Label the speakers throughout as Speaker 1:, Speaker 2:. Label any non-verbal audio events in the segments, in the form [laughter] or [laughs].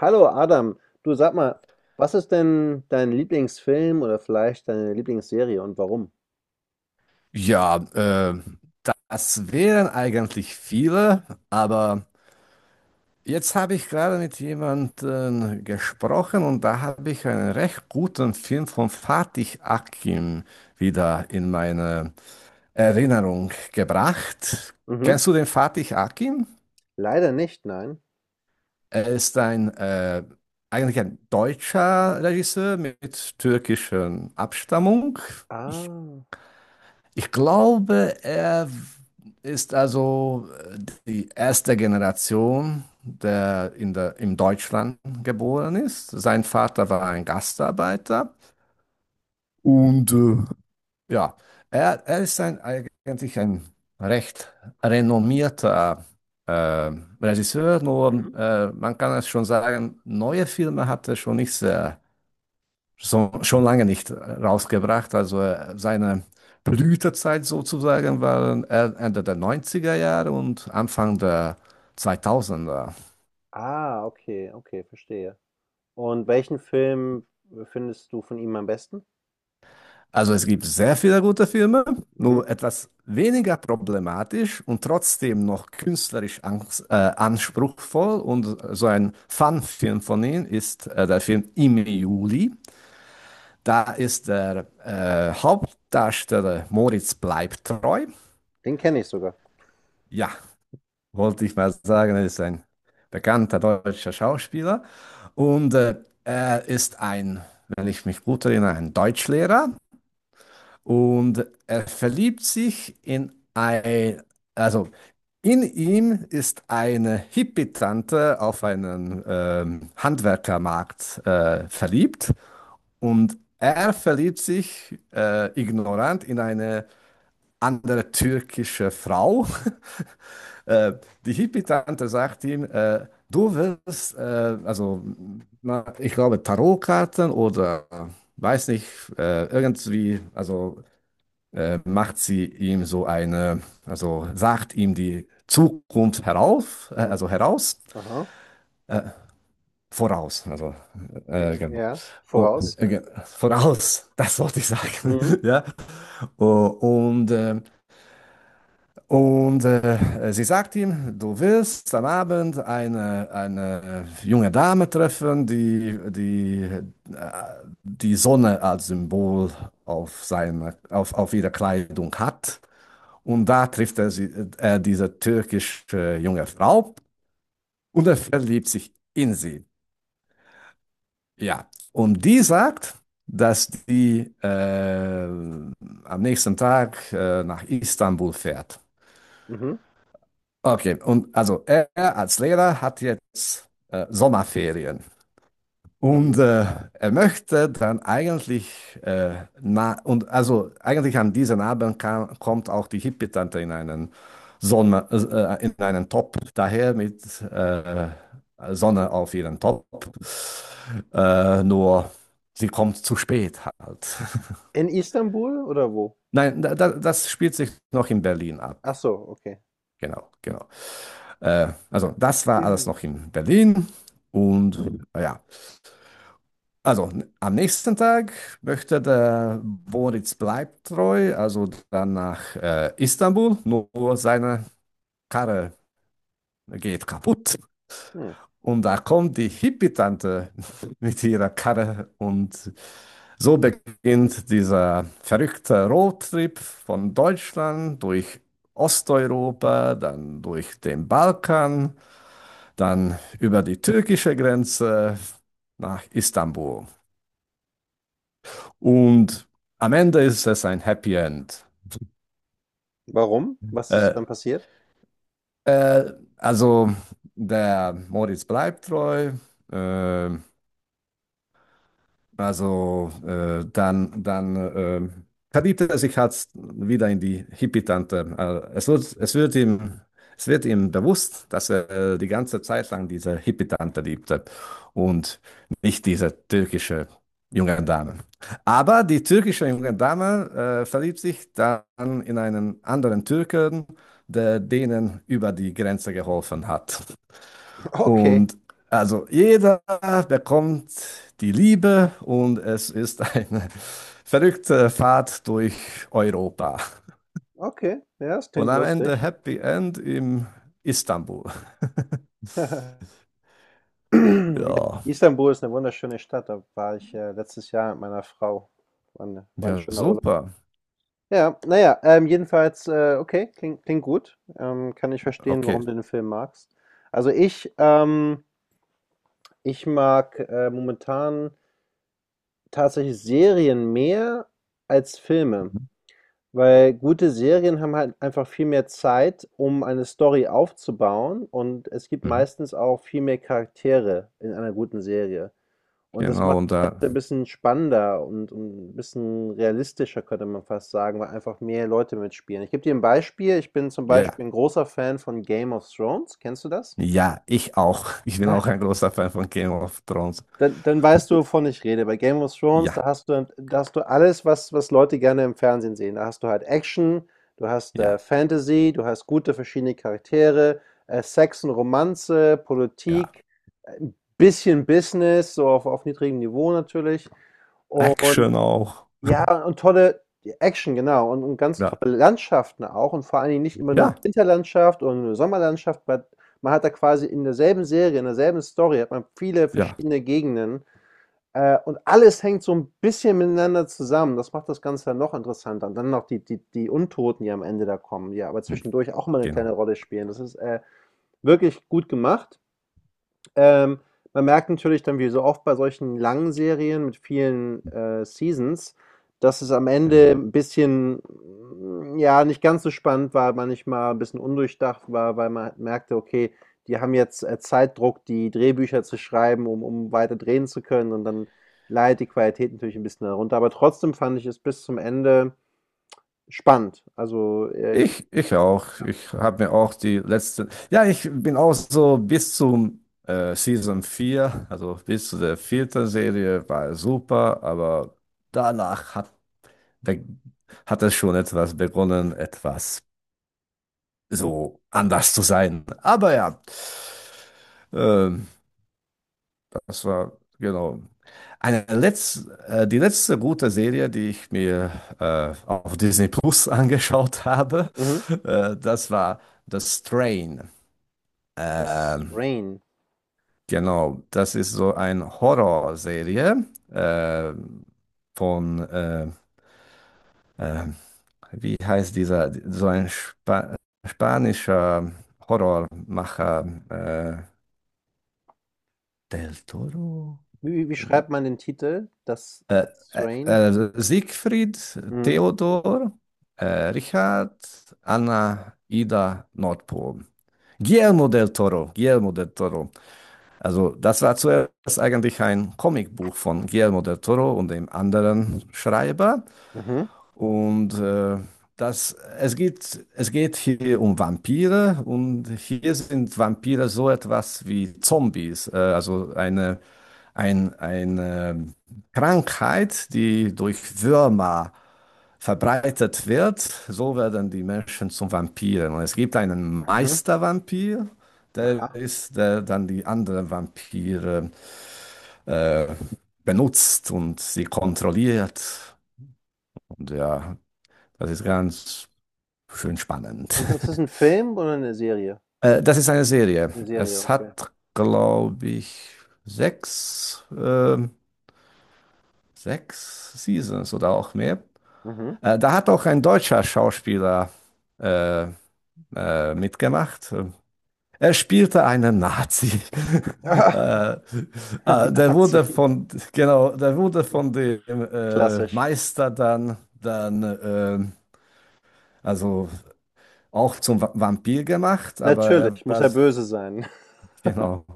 Speaker 1: Hallo Adam, du sag mal, was ist denn dein Lieblingsfilm oder vielleicht deine Lieblingsserie und warum?
Speaker 2: Ja, das wären eigentlich viele, aber jetzt habe ich gerade mit jemandem gesprochen und da habe ich einen recht guten Film von Fatih Akin wieder in meine Erinnerung gebracht.
Speaker 1: Mhm.
Speaker 2: Kennst du den Fatih Akin?
Speaker 1: Leider nicht, nein.
Speaker 2: Er ist ein eigentlich ein deutscher Regisseur mit türkischer Abstammung.
Speaker 1: Ah,
Speaker 2: Ich glaube, er ist also äh, die erste Generation, der in Deutschland geboren ist. Sein Vater war ein Gastarbeiter und ja, er ist ein, eigentlich ein recht renommierter äh, Regisseur, nur
Speaker 1: mhm.
Speaker 2: man kann es schon sagen, neue Filme hat er schon nicht sehr so, schon lange nicht rausgebracht. Also seine Blütezeit sozusagen waren Ende der 90er Jahre und Anfang der 2000er.
Speaker 1: Ah, okay, okay, verstehe. Und welchen Film findest du von ihm am besten?
Speaker 2: Also es gibt sehr viele gute Filme,
Speaker 1: Mhm.
Speaker 2: nur etwas weniger problematisch und trotzdem noch künstlerisch anspruchsvoll. Und so ein Fun-Film von ihm ist der Film Im Juli. Da ist der Hauptdarsteller Moritz bleibt treu.
Speaker 1: Den kenne ich sogar.
Speaker 2: Ja, wollte ich mal sagen, er ist ein bekannter deutscher Schauspieler und er ist ein, wenn ich mich gut erinnere, ein Deutschlehrer und er verliebt sich in ein, also in ihm ist eine Hippie-Tante auf einen Handwerkermarkt verliebt und er verliebt sich ignorant in eine andere türkische Frau äh, die Hippie-Tante sagt ihm, du wirst, also na, ich glaube Tarotkarten oder weiß nicht, irgendwie, also macht sie ihm so eine, also sagt ihm die Zukunft herauf,
Speaker 1: Mhm.
Speaker 2: also heraus,
Speaker 1: Aha,
Speaker 2: voraus, also
Speaker 1: ja,
Speaker 2: genau.
Speaker 1: ja,
Speaker 2: Oh,
Speaker 1: voraus.
Speaker 2: voraus, [laughs] das wollte ich sagen,
Speaker 1: Mhm.
Speaker 2: [laughs] ja. Oh, sie sagt ihm, du wirst am Abend eine junge Dame treffen, die, die äh, die Sonne als Symbol auf, seine, auf ihrer Kleidung hat. Und da trifft er sie, diese türkische junge Frau und er verliebt sich in sie. Ja. Und die sagt, dass die am nächsten Tag nach Istanbul fährt.
Speaker 1: Mhm.
Speaker 2: Okay, und also er als Lehrer hat jetzt Sommerferien und
Speaker 1: Mhm.
Speaker 2: er möchte dann eigentlich na und also eigentlich an diesen Abend kam, kommt auch die Hippie-Tante in einen Sonne in einen Top daher mit Sonne auf ihren Top. Nur sie kommt zu spät halt. [laughs]
Speaker 1: In Istanbul oder wo?
Speaker 2: Nein, das spielt sich noch in Berlin
Speaker 1: Ach
Speaker 2: ab.
Speaker 1: so, okay.
Speaker 2: Genau, genau. Also das war alles noch
Speaker 1: [clears throat]
Speaker 2: in Berlin und ja. Also am nächsten Tag möchte der Boris bleibt treu, also dann nach Istanbul, nur seine Karre geht kaputt.
Speaker 1: Hm.
Speaker 2: Und da kommt die Hippie-Tante [laughs] mit ihrer Karre und so beginnt dieser verrückte Roadtrip von Deutschland durch Osteuropa, dann durch den Balkan dann über die türkische Grenze nach Istanbul. Und am Ende ist es ein Happy End.
Speaker 1: Warum? Was ist
Speaker 2: Äh,
Speaker 1: dann passiert?
Speaker 2: also der Moritz bleibt treu. Äh, Also dann verliebt er sich halt wieder in die Hippie-Tante. Also es wird, es wird ihm, es wird ihm bewusst, dass er die ganze Zeit lang diese Hippie-Tante liebte und nicht diese türkische junge Dame. Aber die türkische junge Dame verliebt sich dann in einen anderen Türken, der denen über die Grenze geholfen hat.
Speaker 1: [laughs] Okay,
Speaker 2: Und also jeder bekommt die Liebe und es ist eine [laughs] verrückte Fahrt durch Europa.
Speaker 1: okay, ja, das
Speaker 2: Und
Speaker 1: klingt
Speaker 2: am Ende
Speaker 1: lustig.
Speaker 2: Happy End in Istanbul.
Speaker 1: [clears throat]
Speaker 2: Ja,
Speaker 1: Istanbul ist eine wunderschöne Stadt. Da war ich, letztes Jahr mit meiner Frau. War 'ne war 'n
Speaker 2: ja,
Speaker 1: schöner Urlaub.
Speaker 2: super.
Speaker 1: Ja, na ja, jedenfalls, okay, klingt klingt gut. Kann ich verstehen,
Speaker 2: Okay,
Speaker 1: warum du den Film magst. Also ich, ich mag, momentan tatsächlich Serien mehr als Filme, weil gute Serien haben halt einfach viel mehr Zeit, um eine Story aufzubauen, und es gibt
Speaker 2: Mhm.
Speaker 1: meistens auch viel mehr Charaktere in einer guten Serie. Und das
Speaker 2: Genau.
Speaker 1: macht
Speaker 2: Und
Speaker 1: das
Speaker 2: da,
Speaker 1: Ganze ein bisschen spannender und ein bisschen realistischer, könnte man fast sagen, weil einfach mehr Leute mitspielen. Ich gebe dir ein Beispiel. Ich bin zum
Speaker 2: ja,
Speaker 1: Beispiel ein großer Fan von Game of Thrones. Kennst du das?
Speaker 2: ja, ich auch. Ich bin
Speaker 1: Na,
Speaker 2: auch ein großer Fan von Game of Thrones.
Speaker 1: [laughs] dann, dann weißt du, wovon ich rede. Bei Game of Thrones,
Speaker 2: Ja,
Speaker 1: da hast du alles, was, was Leute gerne im Fernsehen sehen. Da hast du halt Action, du hast
Speaker 2: ja,
Speaker 1: Fantasy, du hast gute verschiedene Charaktere, Sex und Romanze,
Speaker 2: ja.
Speaker 1: Politik, ein bisschen Business, so auf niedrigem Niveau natürlich. Und
Speaker 2: Action auch.
Speaker 1: ja, und tolle Action, genau. Und ganz
Speaker 2: Ja,
Speaker 1: tolle Landschaften auch und vor allen Dingen nicht immer nur 'ne
Speaker 2: ja,
Speaker 1: Winterlandschaft oder nur 'ne Sommerlandschaft, weil man hat da quasi in derselben Serie, in derselben Story hat man viele
Speaker 2: ja.
Speaker 1: verschiedene Gegenden, und alles hängt so ein bisschen miteinander zusammen. Das macht das Ganze dann noch interessanter. Und dann noch die die Untoten, die am Ende da kommen, die aber
Speaker 2: Hm,
Speaker 1: zwischendurch auch mal eine kleine
Speaker 2: genau,
Speaker 1: Rolle spielen. Das ist, wirklich gut gemacht. Ähm, man merkt natürlich dann, wie so oft bei solchen langen Serien mit vielen, Seasons, dass es am Ende
Speaker 2: genau.
Speaker 1: 'n bisschen, hm, ja, nicht ganz so spannend war, manchmal 'n bisschen undurchdacht war, weil man halt merkte, okay, die haben jetzt, Zeitdruck, die Drehbücher zu schreiben, um weiter drehen zu können, und dann leidet die Qualität natürlich ein bisschen darunter. Aber trotzdem fand ich es bis zum Ende spannend. Also, ich
Speaker 2: Ich auch. Ich habe mir auch die letzte. Ja, ich bin auch so bis zum Season 4, also bis zu der vierten Serie war super, aber danach hat, be- hat es schon etwas begonnen, etwas so anders zu sein. Aber ja, ähm, das war genau. Die letzte gute Serie, die ich mir auf Disney Plus [laughs] angeschaut habe,
Speaker 1: mhm.
Speaker 2: das war The Strain.
Speaker 1: Das
Speaker 2: Ähm,
Speaker 1: Rain.
Speaker 2: genau, das ist so eine Horrorserie äh, von, äh, wie heißt dieser, so ein spanischer Horrormacher, Del Toro?
Speaker 1: Wie
Speaker 2: Wie-
Speaker 1: schreibt man den Titel? Das
Speaker 2: Äh,
Speaker 1: das Rain?
Speaker 2: Siegfried,
Speaker 1: Mhm.
Speaker 2: Theodor, Richard, Anna, Ida, Nordpol. Guillermo del Toro, Guillermo del Toro. Also das war zuerst eigentlich ein Comicbuch von Guillermo del Toro und dem anderen Schreiber.
Speaker 1: Mhm,
Speaker 2: Und das, es geht hier um Vampire und hier sind Vampire so etwas wie Zombies, also eine Krankheit, die durch Würmer verbreitet wird. So werden die Menschen zum Vampiren. Und es gibt einen
Speaker 1: mhm,
Speaker 2: Meistervampir
Speaker 1: aha.
Speaker 2: der dann die anderen Vampire äh, benutzt und sie kontrolliert. Und ja, das ist ganz schön spannend.
Speaker 1: Und das
Speaker 2: [laughs]
Speaker 1: ist ein Film oder eine Serie?
Speaker 2: Das ist eine Serie.
Speaker 1: Eine Serie,
Speaker 2: Es
Speaker 1: okay.
Speaker 2: hat, glaube ich, sechs, ähm, sechs Seasons oder auch mehr.
Speaker 1: Mhm.
Speaker 2: Da hat auch ein deutscher Schauspieler äh, mitgemacht. Er spielte einen Nazi. [laughs]
Speaker 1: Ah,
Speaker 2: äh,
Speaker 1: [laughs] Nazi,
Speaker 2: genau, der wurde von dem
Speaker 1: klassisch.
Speaker 2: Meister dann also auch zum Vampir gemacht, aber er
Speaker 1: Natürlich, muss
Speaker 2: war,
Speaker 1: er böse sein. [laughs]
Speaker 2: genau.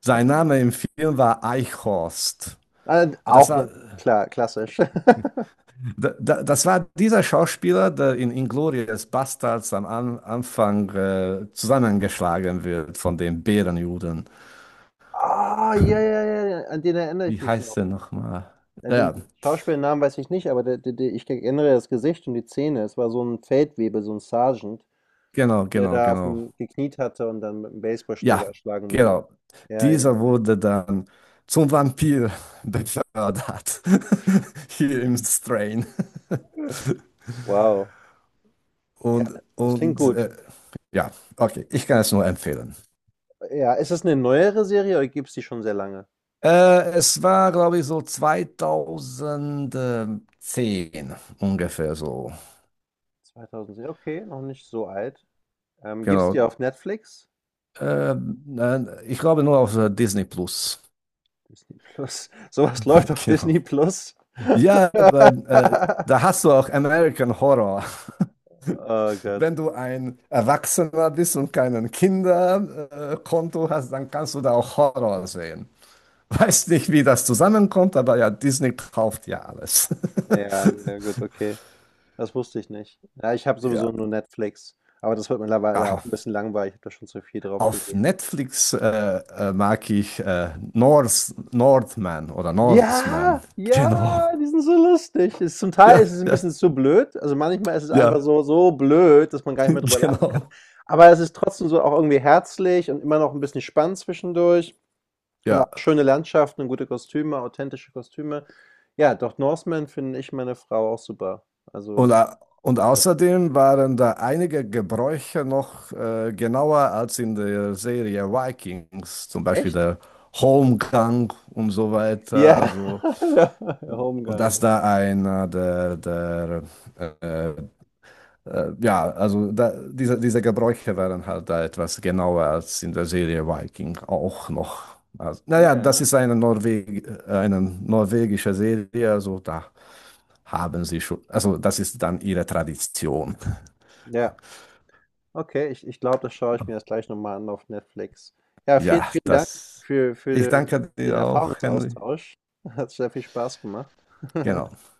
Speaker 2: Sein Name im Film war Eichhorst. Das
Speaker 1: Auch
Speaker 2: war,
Speaker 1: 'ne klar, klassisch. [laughs]
Speaker 2: das war dieser Schauspieler, der in Inglourious Bastards am An Anfang zusammengeschlagen wird von den Bärenjuden.
Speaker 1: Ah, ja, ja, ja, ja, an den erinnere ich
Speaker 2: Wie
Speaker 1: mich
Speaker 2: heißt
Speaker 1: noch.
Speaker 2: er nochmal?
Speaker 1: Ja,
Speaker 2: Ja,
Speaker 1: den Schauspielnamen weiß ich nicht, aber der ich erinnere das Gesicht und die Zähne. Es war so ein Feldwebel, so ein Sergeant,
Speaker 2: genau,
Speaker 1: der
Speaker 2: genau,
Speaker 1: da auf
Speaker 2: genau.
Speaker 1: dem gekniet hatte und dann mit 'm
Speaker 2: Ja,
Speaker 1: Baseballschläger erschlagen wurde.
Speaker 2: genau.
Speaker 1: Ja, ja,
Speaker 2: Dieser
Speaker 1: ja.
Speaker 2: wurde dann zum Vampir [laughs] befördert. [laughs] Hier im Strain.
Speaker 1: Wow. Ja,
Speaker 2: Und,
Speaker 1: das klingt
Speaker 2: und
Speaker 1: gut.
Speaker 2: ja, okay, ich kann es nur empfehlen.
Speaker 1: Ja, ist das eine neuere Serie oder gibt's die schon sehr lange?
Speaker 2: Es war, glaube ich, so 2010 ungefähr so.
Speaker 1: 2007, okay, noch nicht so alt. Gibt's die
Speaker 2: Genau.
Speaker 1: auf Netflix?
Speaker 2: Äh, nein, ich glaube nur auf Disney Plus. [laughs]
Speaker 1: Disney Plus. [laughs] Sowas läuft auf
Speaker 2: Genau.
Speaker 1: Disney Plus?
Speaker 2: Ja,
Speaker 1: [laughs]
Speaker 2: weil, da hast du auch American Horror.
Speaker 1: Oh Gott.
Speaker 2: Wenn du ein Erwachsener bist und kein Kinderkonto hast, dann kannst du da auch Horror sehen. [laughs] Weiß nicht, wie das zusammenkommt, aber ja, Disney kauft ja alles. [laughs]
Speaker 1: Ja, na gut, okay. Das wusste ich nicht. Ja, ich habe sowieso
Speaker 2: Ja.
Speaker 1: nur Netflix, aber das wird mittlerweile
Speaker 2: Ah,
Speaker 1: auch ein bisschen langweilig. Ich habe da schon zu viel drauf
Speaker 2: auf
Speaker 1: gesehen.
Speaker 2: Netflix mag ich Northman oder
Speaker 1: Ja,
Speaker 2: Norseman. [laughs] Genau.
Speaker 1: ja, die sind so lustig. Ist zum Teil
Speaker 2: Ja,
Speaker 1: ist es ein bisschen
Speaker 2: ja,
Speaker 1: zu blöd. Also, manchmal ist es einfach
Speaker 2: ja,
Speaker 1: so so blöd, dass man
Speaker 2: [laughs]
Speaker 1: gar nicht mehr drüber lacht.
Speaker 2: genau.
Speaker 1: Aber es ist trotzdem so auch irgendwie herzlich und immer noch ein bisschen spannend zwischendurch und auch
Speaker 2: Ja.
Speaker 1: schöne Landschaften und gute Kostüme, authentische Kostüme. Ja, Doc Northman finde ich meine Frau auch super. Also
Speaker 2: Und, au- und außerdem waren da einige Gebräuche noch genauer als in der Serie Vikings, zum Beispiel
Speaker 1: echt?
Speaker 2: der Holmgang und so weiter.
Speaker 1: Ja,
Speaker 2: Also,
Speaker 1: [laughs] der
Speaker 2: und
Speaker 1: Homegang,
Speaker 2: dass
Speaker 1: ja.
Speaker 2: da einer der äh, ja, also da, diese Gebräuche waren halt da etwas genauer als in der Serie Viking auch noch. Also, naja, das
Speaker 1: Ja,
Speaker 2: ist eine norwegische Serie, also da haben sie schon, also das ist dann ihre Tradition.
Speaker 1: ja. Okay, ich ich glaube, das schaue ich mir jetzt gleich noch mal an auf Netflix. Ja, vielen,
Speaker 2: Ja,
Speaker 1: vielen Dank
Speaker 2: das. Ich
Speaker 1: für
Speaker 2: danke
Speaker 1: den
Speaker 2: dir auch, Henry.
Speaker 1: Erfahrungsaustausch. Hat sehr viel Spaß gemacht. [laughs]
Speaker 2: Genau.